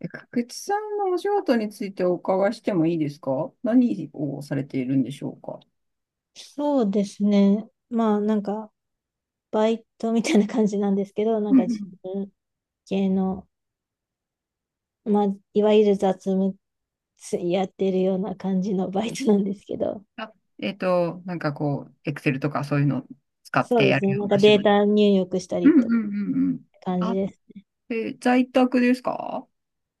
くつさんのお仕事についてお伺いしてもいいですか？何をされているんでしょうか？そうですね。バイトみたいな感じなんですけど、なんうんかう自ん。分系の、まあいわゆる雑務やってるような感じのバイトなんですけど、あ、なんかこう、エクセルとかそういうのを使っそうてでやするね。よなうんなか仕デー事。タ入力したうりんうんとうんうん。感じあ、です。在宅ですか？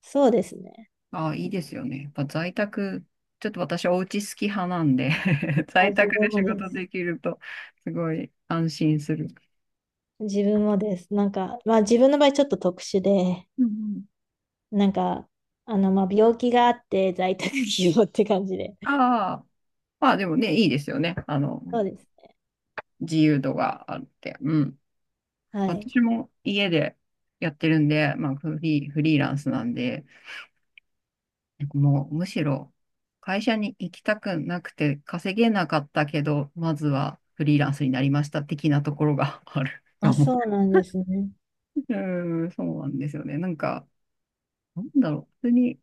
そうですね。あ、いいですよね。やっぱ在宅、ちょっと私お家好き派なんで あ、在自宅で分も仕で事す。できると、すごい安心する。自分もです。自分の場合ちょっと特殊で、うんなんか、病気があって在宅うん。希望って感じで。ああ、まあでもね、いいですよね。そうですね。自由度があって。うん。はい。私も家でやってるんで、まあ、フリーランスなんで、もうむしろ会社に行きたくなくて稼げなかったけど、まずはフリーランスになりました的なところがあるあ、かも。そうなんですね。うーん、そうなんですよね。なんか、なんだろう。別に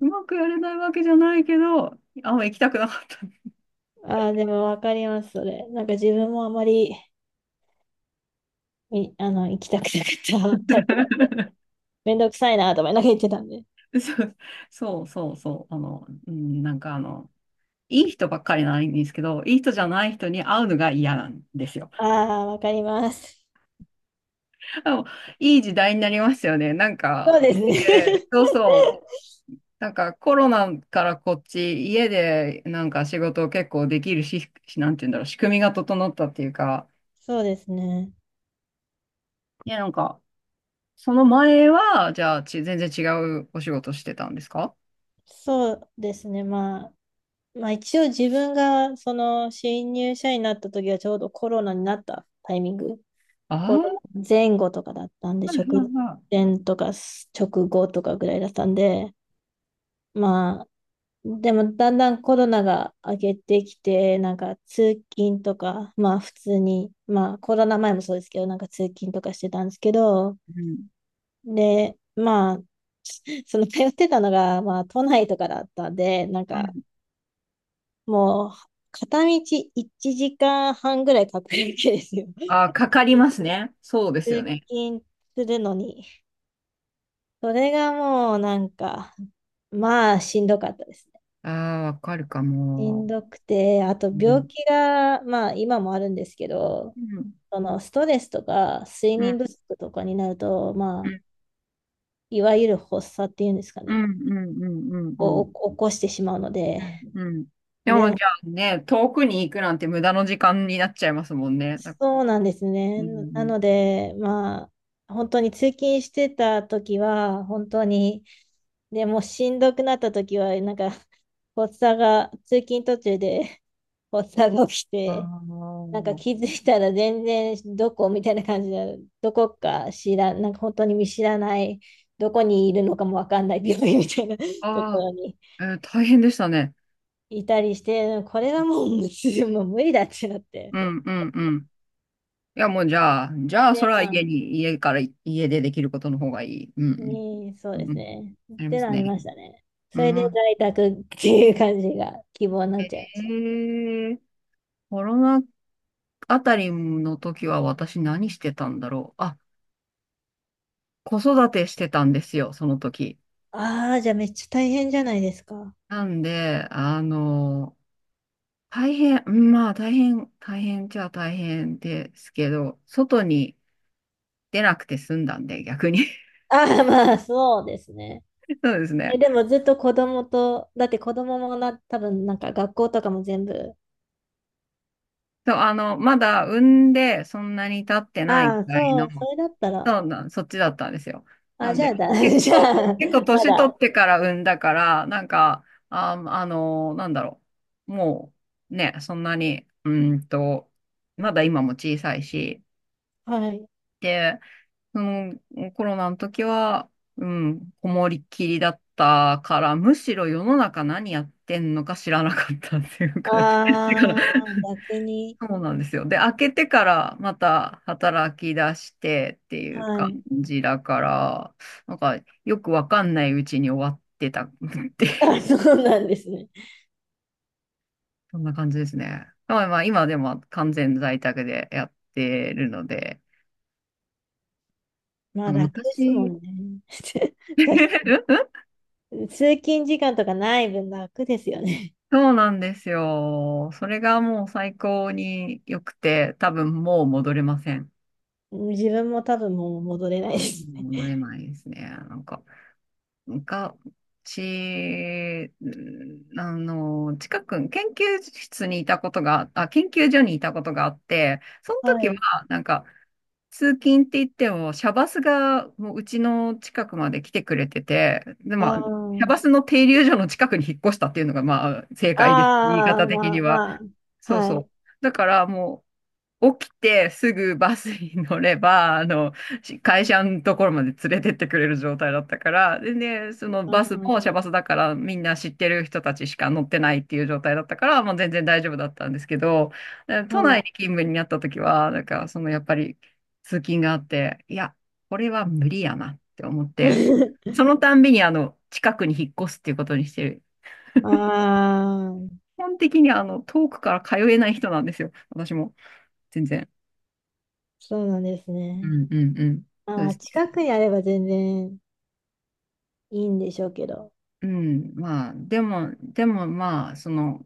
うまくやれないわけじゃないけど、あんま行きたくなかった。ああ、でもわかります、それ。なんか自分もあまり、みあの、行きたくなかったタイプなんで、めんどくさいなと思いながら行ってたんで。そうそうそうそう。うん、なんかあの、いい人ばっかりないんですけど、いい人じゃない人に会うのが嫌なんですよ。ああ、わかります。あ、いい時代になりますよね。なんそか、うで家すね。で、そうそう。なんか、コロナからこっち、家で、なんか仕事を結構できるし、なんて言うんだろう、仕組みが整ったっていうか、そうですね。いや、なんか、その前は、じゃあ、全然違うお仕事してたんですか？そうですね。まあ、一応自分がその新入社員になった時はちょうどコロナになったタイミング、あコロナあー、前後とかだったんで、はいは直いは前とか直後とかぐらいだったんで、まあ、でもだんだんコロナが明けてきて、なんか通勤とか、まあ普通に、まあコロナ前もそうですけど、なんか通勤とかしてたんですけど、い。うん。で、まあ、その通ってたのが、まあ都内とかだったんで、なんうかん。もう片道1時間半ぐらいかかるわけですよ。あー、かかり ますね。そうですよ通ね。勤するのに。それがもうなんか、まあしんどかったです。ああ、わかるかしも。んどくて、あとう病ん。気が、まあ今もあるんですけど、うん。そのストレスとか睡うん。眠不足とかになると、まうあ、ん。いわゆる発作っていうんですかうん。ね、うん。うん。うん。うん。を起こしてしまうので、うんうん。でで、もじゃあね、遠くに行くなんて無駄の時間になっちゃいますもんね。そうなんですうね。んうなん。ので、まあ、本当に通勤してた時は、本当に、でもうしんどくなった時は、なんか、発作が、通勤途中で発作が起きて、あなんか気づいたら全然どこみたいな感じで、どこか知らん、なんか本当に見知らない、どこにいるのかもわかんない病院みたいな とこああろにー、大変でしたね。いたりして、これはもう無理、もう無理だってなって。うんうんうん。いやもうじゃあ、じゃあそで、れはまあ、家に、家から、家でできることの方がいい。うえんーそううん。でうすん。ね。っありまてすなりね。ましたね。うそれでん。在宅っていう感じが希望になっちゃいえましたね。ー、コロナあたりの時は私何してたんだろう。あ、子育てしてたんですよ、その時。ああ、じゃあめっちゃ大変じゃないですか。なんで、大変、うんまあ大変、大変じゃあ大変ですけど、外に出なくて済んだんで、逆に。ああ、まあそうですね。そうですえ、ね。でもずっと子供と、だって子供もな、多分なんか学校とかも全部。そう、まだ産んでそんなに経ってないくああ、らいの、そう、それだったら。そうなん、そっちだったんですよ。なあ、んじゃで、あだ、結 じゃ構、あ、結構ま年取っだ。てから産んだから、なんか、あ、なんだろう。もう、ね、そんなに、まだ今も小さいし、はい。そのコロナの時は、うん、こもりっきりだったから、むしろ世の中何やってんのか知らなかったっていうあ感じ だから、あ、逆に。そうなんですよ。で、開けてからまた働き出してっていうは感い。じだから、なんかよくわかんないうちに終わってたっていう、あ、そうなんですね。そんな感じですね。まあまあ、今でも完全在宅でやってるので、まなあんか楽ですも昔、んね。通勤時間とかない分楽ですよね。そうなんですよ。それがもう最高に良くて、多分もう戻れません。自分も多分もう戻れないです戻ね。れないですね。なんか、昔、研究所にいたことがあって、その は時は、い。なんか、通勤って言っても、シャバスがもううちの近くまで来てくれてて、で、まあ、シャバあスの停留所の近くに引っ越したっていうのが、まあ、正あ、解です。言いあ方あ、的まにあは。まあ、そうはそう。い。だからもう、起きてすぐバスに乗れば、会社のところまで連れてってくれる状態だったから、でね、そのバスもあシャバスだからみんな知ってる人たちしか乗ってないっていう状態だったから、もう全然大丈夫だったんですけど、であ、都は内い。に勤務になった時は、なんかそのやっぱり通勤があって、いや、これは無理やなって思って、そのたんびに近くに引っ越すっていうことにしてる。ああ、基本的に遠くから通えない人なんですよ、私も。全然。そうなんですうね。んうんうん。まあ、そうまであす近ね。くにあれば全然いいんでしょうけど。うん。まあ、でもまあ、その、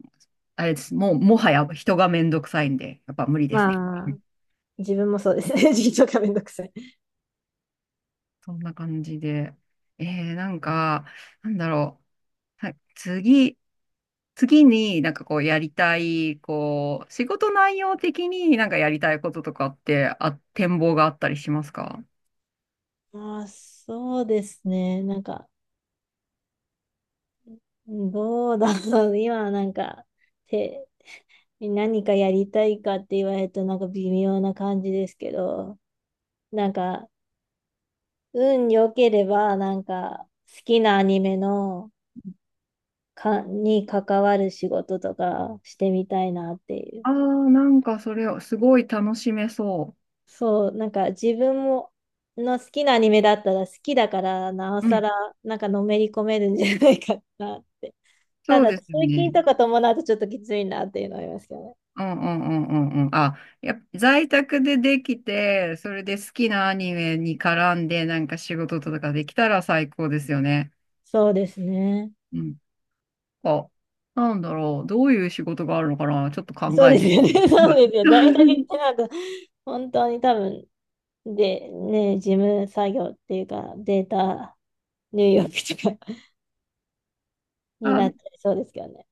あれです。もう、もはや人がめんどくさいんで、やっぱ無理ですね。まうあ、ん、自分もそうですね。自分がめんどくさい。そんな感じで。えなんか、なんだろう。はい、次になんかこうやりたい、こう、仕事内容的になんかやりたいこととかって、あ、展望があったりしますか？まあ、そうですね。なんか、どうだろう。今はなんか、て、何かやりたいかって言われるとなんか微妙な感じですけど、なんか、運良ければ、なんか、好きなアニメのか、に関わる仕事とかしてみたいなっていう。ああー、なんかそれをすごい楽しめそそう、なんか自分もの好きなアニメだったら好きだからなおう。うさん。らなんかのめり込めるんじゃないかなって。たそうだです通よね。勤とか伴うとちょっときついなっていうのはありますけどね。うんうんうんうんうん。あ、やっぱ在宅でできて、それで好きなアニメに絡んで、なんか仕事とかできたら最高ですよね。そうですね。うん。あ、なんだろう。どういう仕事があるのかな、ちょっとそ考うえですてよね。み そる。うですよ。大体っ てなんか本当に多分でね、事務作業っていうかデータ入力とか になあ、っちゃいそうですけどね。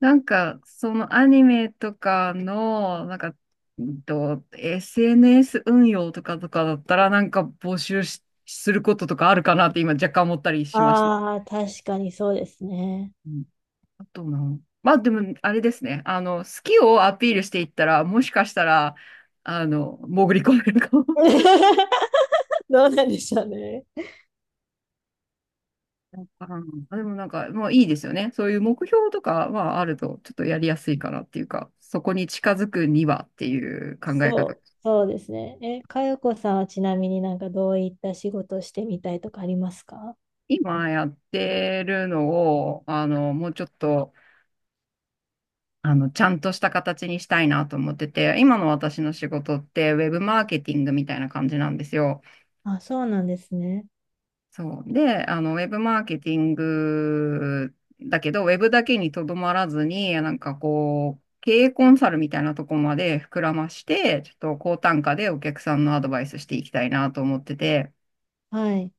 なんか、そのアニメとかの、なんか、SNS 運用とかだったら、なんか募集し、することとかあるかなって今若干思ったりしました。ああ、確かにそうですね。あとな、まあでも、あれですね。好きをアピールしていったら、もしかしたら、潜り込めるかも。どうなんでしょうね。でもなんか、もういいですよね。そういう目標とかはあると、ちょっとやりやすいかなっていうか、そこに近づくにはっていう考え方。そうですね。え、かよこさんはちなみになんかどういった仕事をしてみたいとかありますか？今やってるのを、もうちょっと、ちゃんとした形にしたいなと思ってて、今の私の仕事って、ウェブマーケティングみたいな感じなんですよ。あ、そうなんですね。そう。で、ウェブマーケティングだけど、ウェブだけにとどまらずに、なんかこう、経営コンサルみたいなとこまで膨らまして、ちょっと高単価でお客さんのアドバイスしていきたいなと思ってて、はい。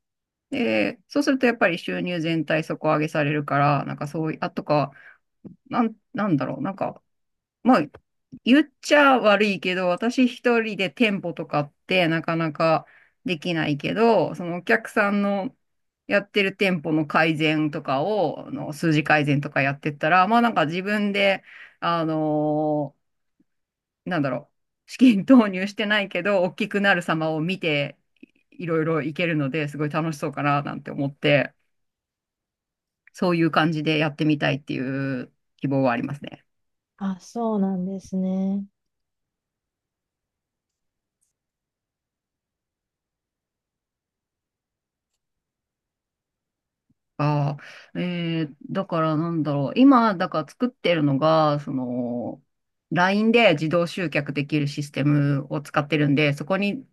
で、そうするとやっぱり収入全体底上げされるから、なんかそういう、あとか、なんだろう、なんかまあ、言っちゃ悪いけど、私一人で店舗とかってなかなかできないけど、そのお客さんのやってる店舗の改善とかを、あの数字改善とかやってったら、まあなんか自分で、あのーなんだろう、資金投入してないけど、大きくなる様を見て、いろいろいけるので、すごい楽しそうかななんて思って、そういう感じでやってみたいっていう希望はありますね。あ、そうなんですね。ああ、だからなんだろう。今、だから作ってるのが、その、LINE で自動集客できるシステムを使ってるんで、そこに、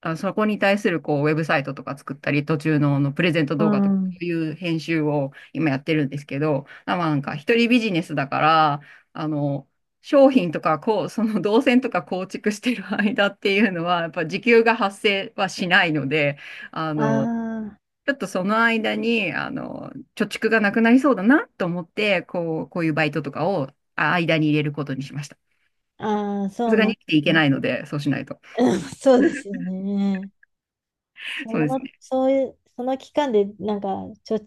あ、そこに対するこう、ウェブサイトとか作ったり、途中の、あのプレゼントう動画とか、そん。ういう編集を今やってるんですけど、まあなんか一人ビジネスだから、あの、商品とか、こう、その動線とか構築してる間っていうのは、やっぱ時給が発生はしないので、ああの、あ、ちょっとその間に、貯蓄がなくなりそうだなと思って、こう、こういうバイトとかを間に入れることにしました。ああ、さそすうがなにん生できていすけね。ないので、そうしないと。そうですよね。そそうです。の、そういう、その期間でなんかちょ、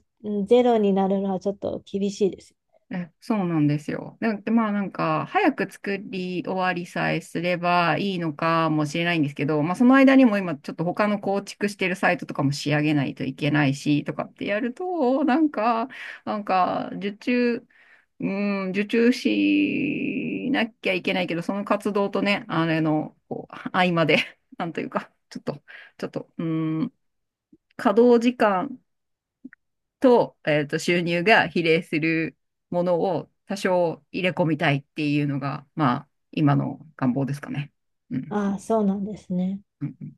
ゼロになるのはちょっと厳しいです。そうなんですよ。でまあなんか、早く作り終わりさえすればいいのかもしれないんですけど、まあその間にも今ちょっと他の構築してるサイトとかも仕上げないといけないし、とかってやると、なんか、うん、受注しなきゃいけないけど、その活動とね、あれの、こう、合間で、なんというか、ちょっと、うん、稼働時間、と、収入が比例するものを多少入れ込みたいっていうのが、まあ、今の願望ですかね。うん。ああ、そうなんですね。うん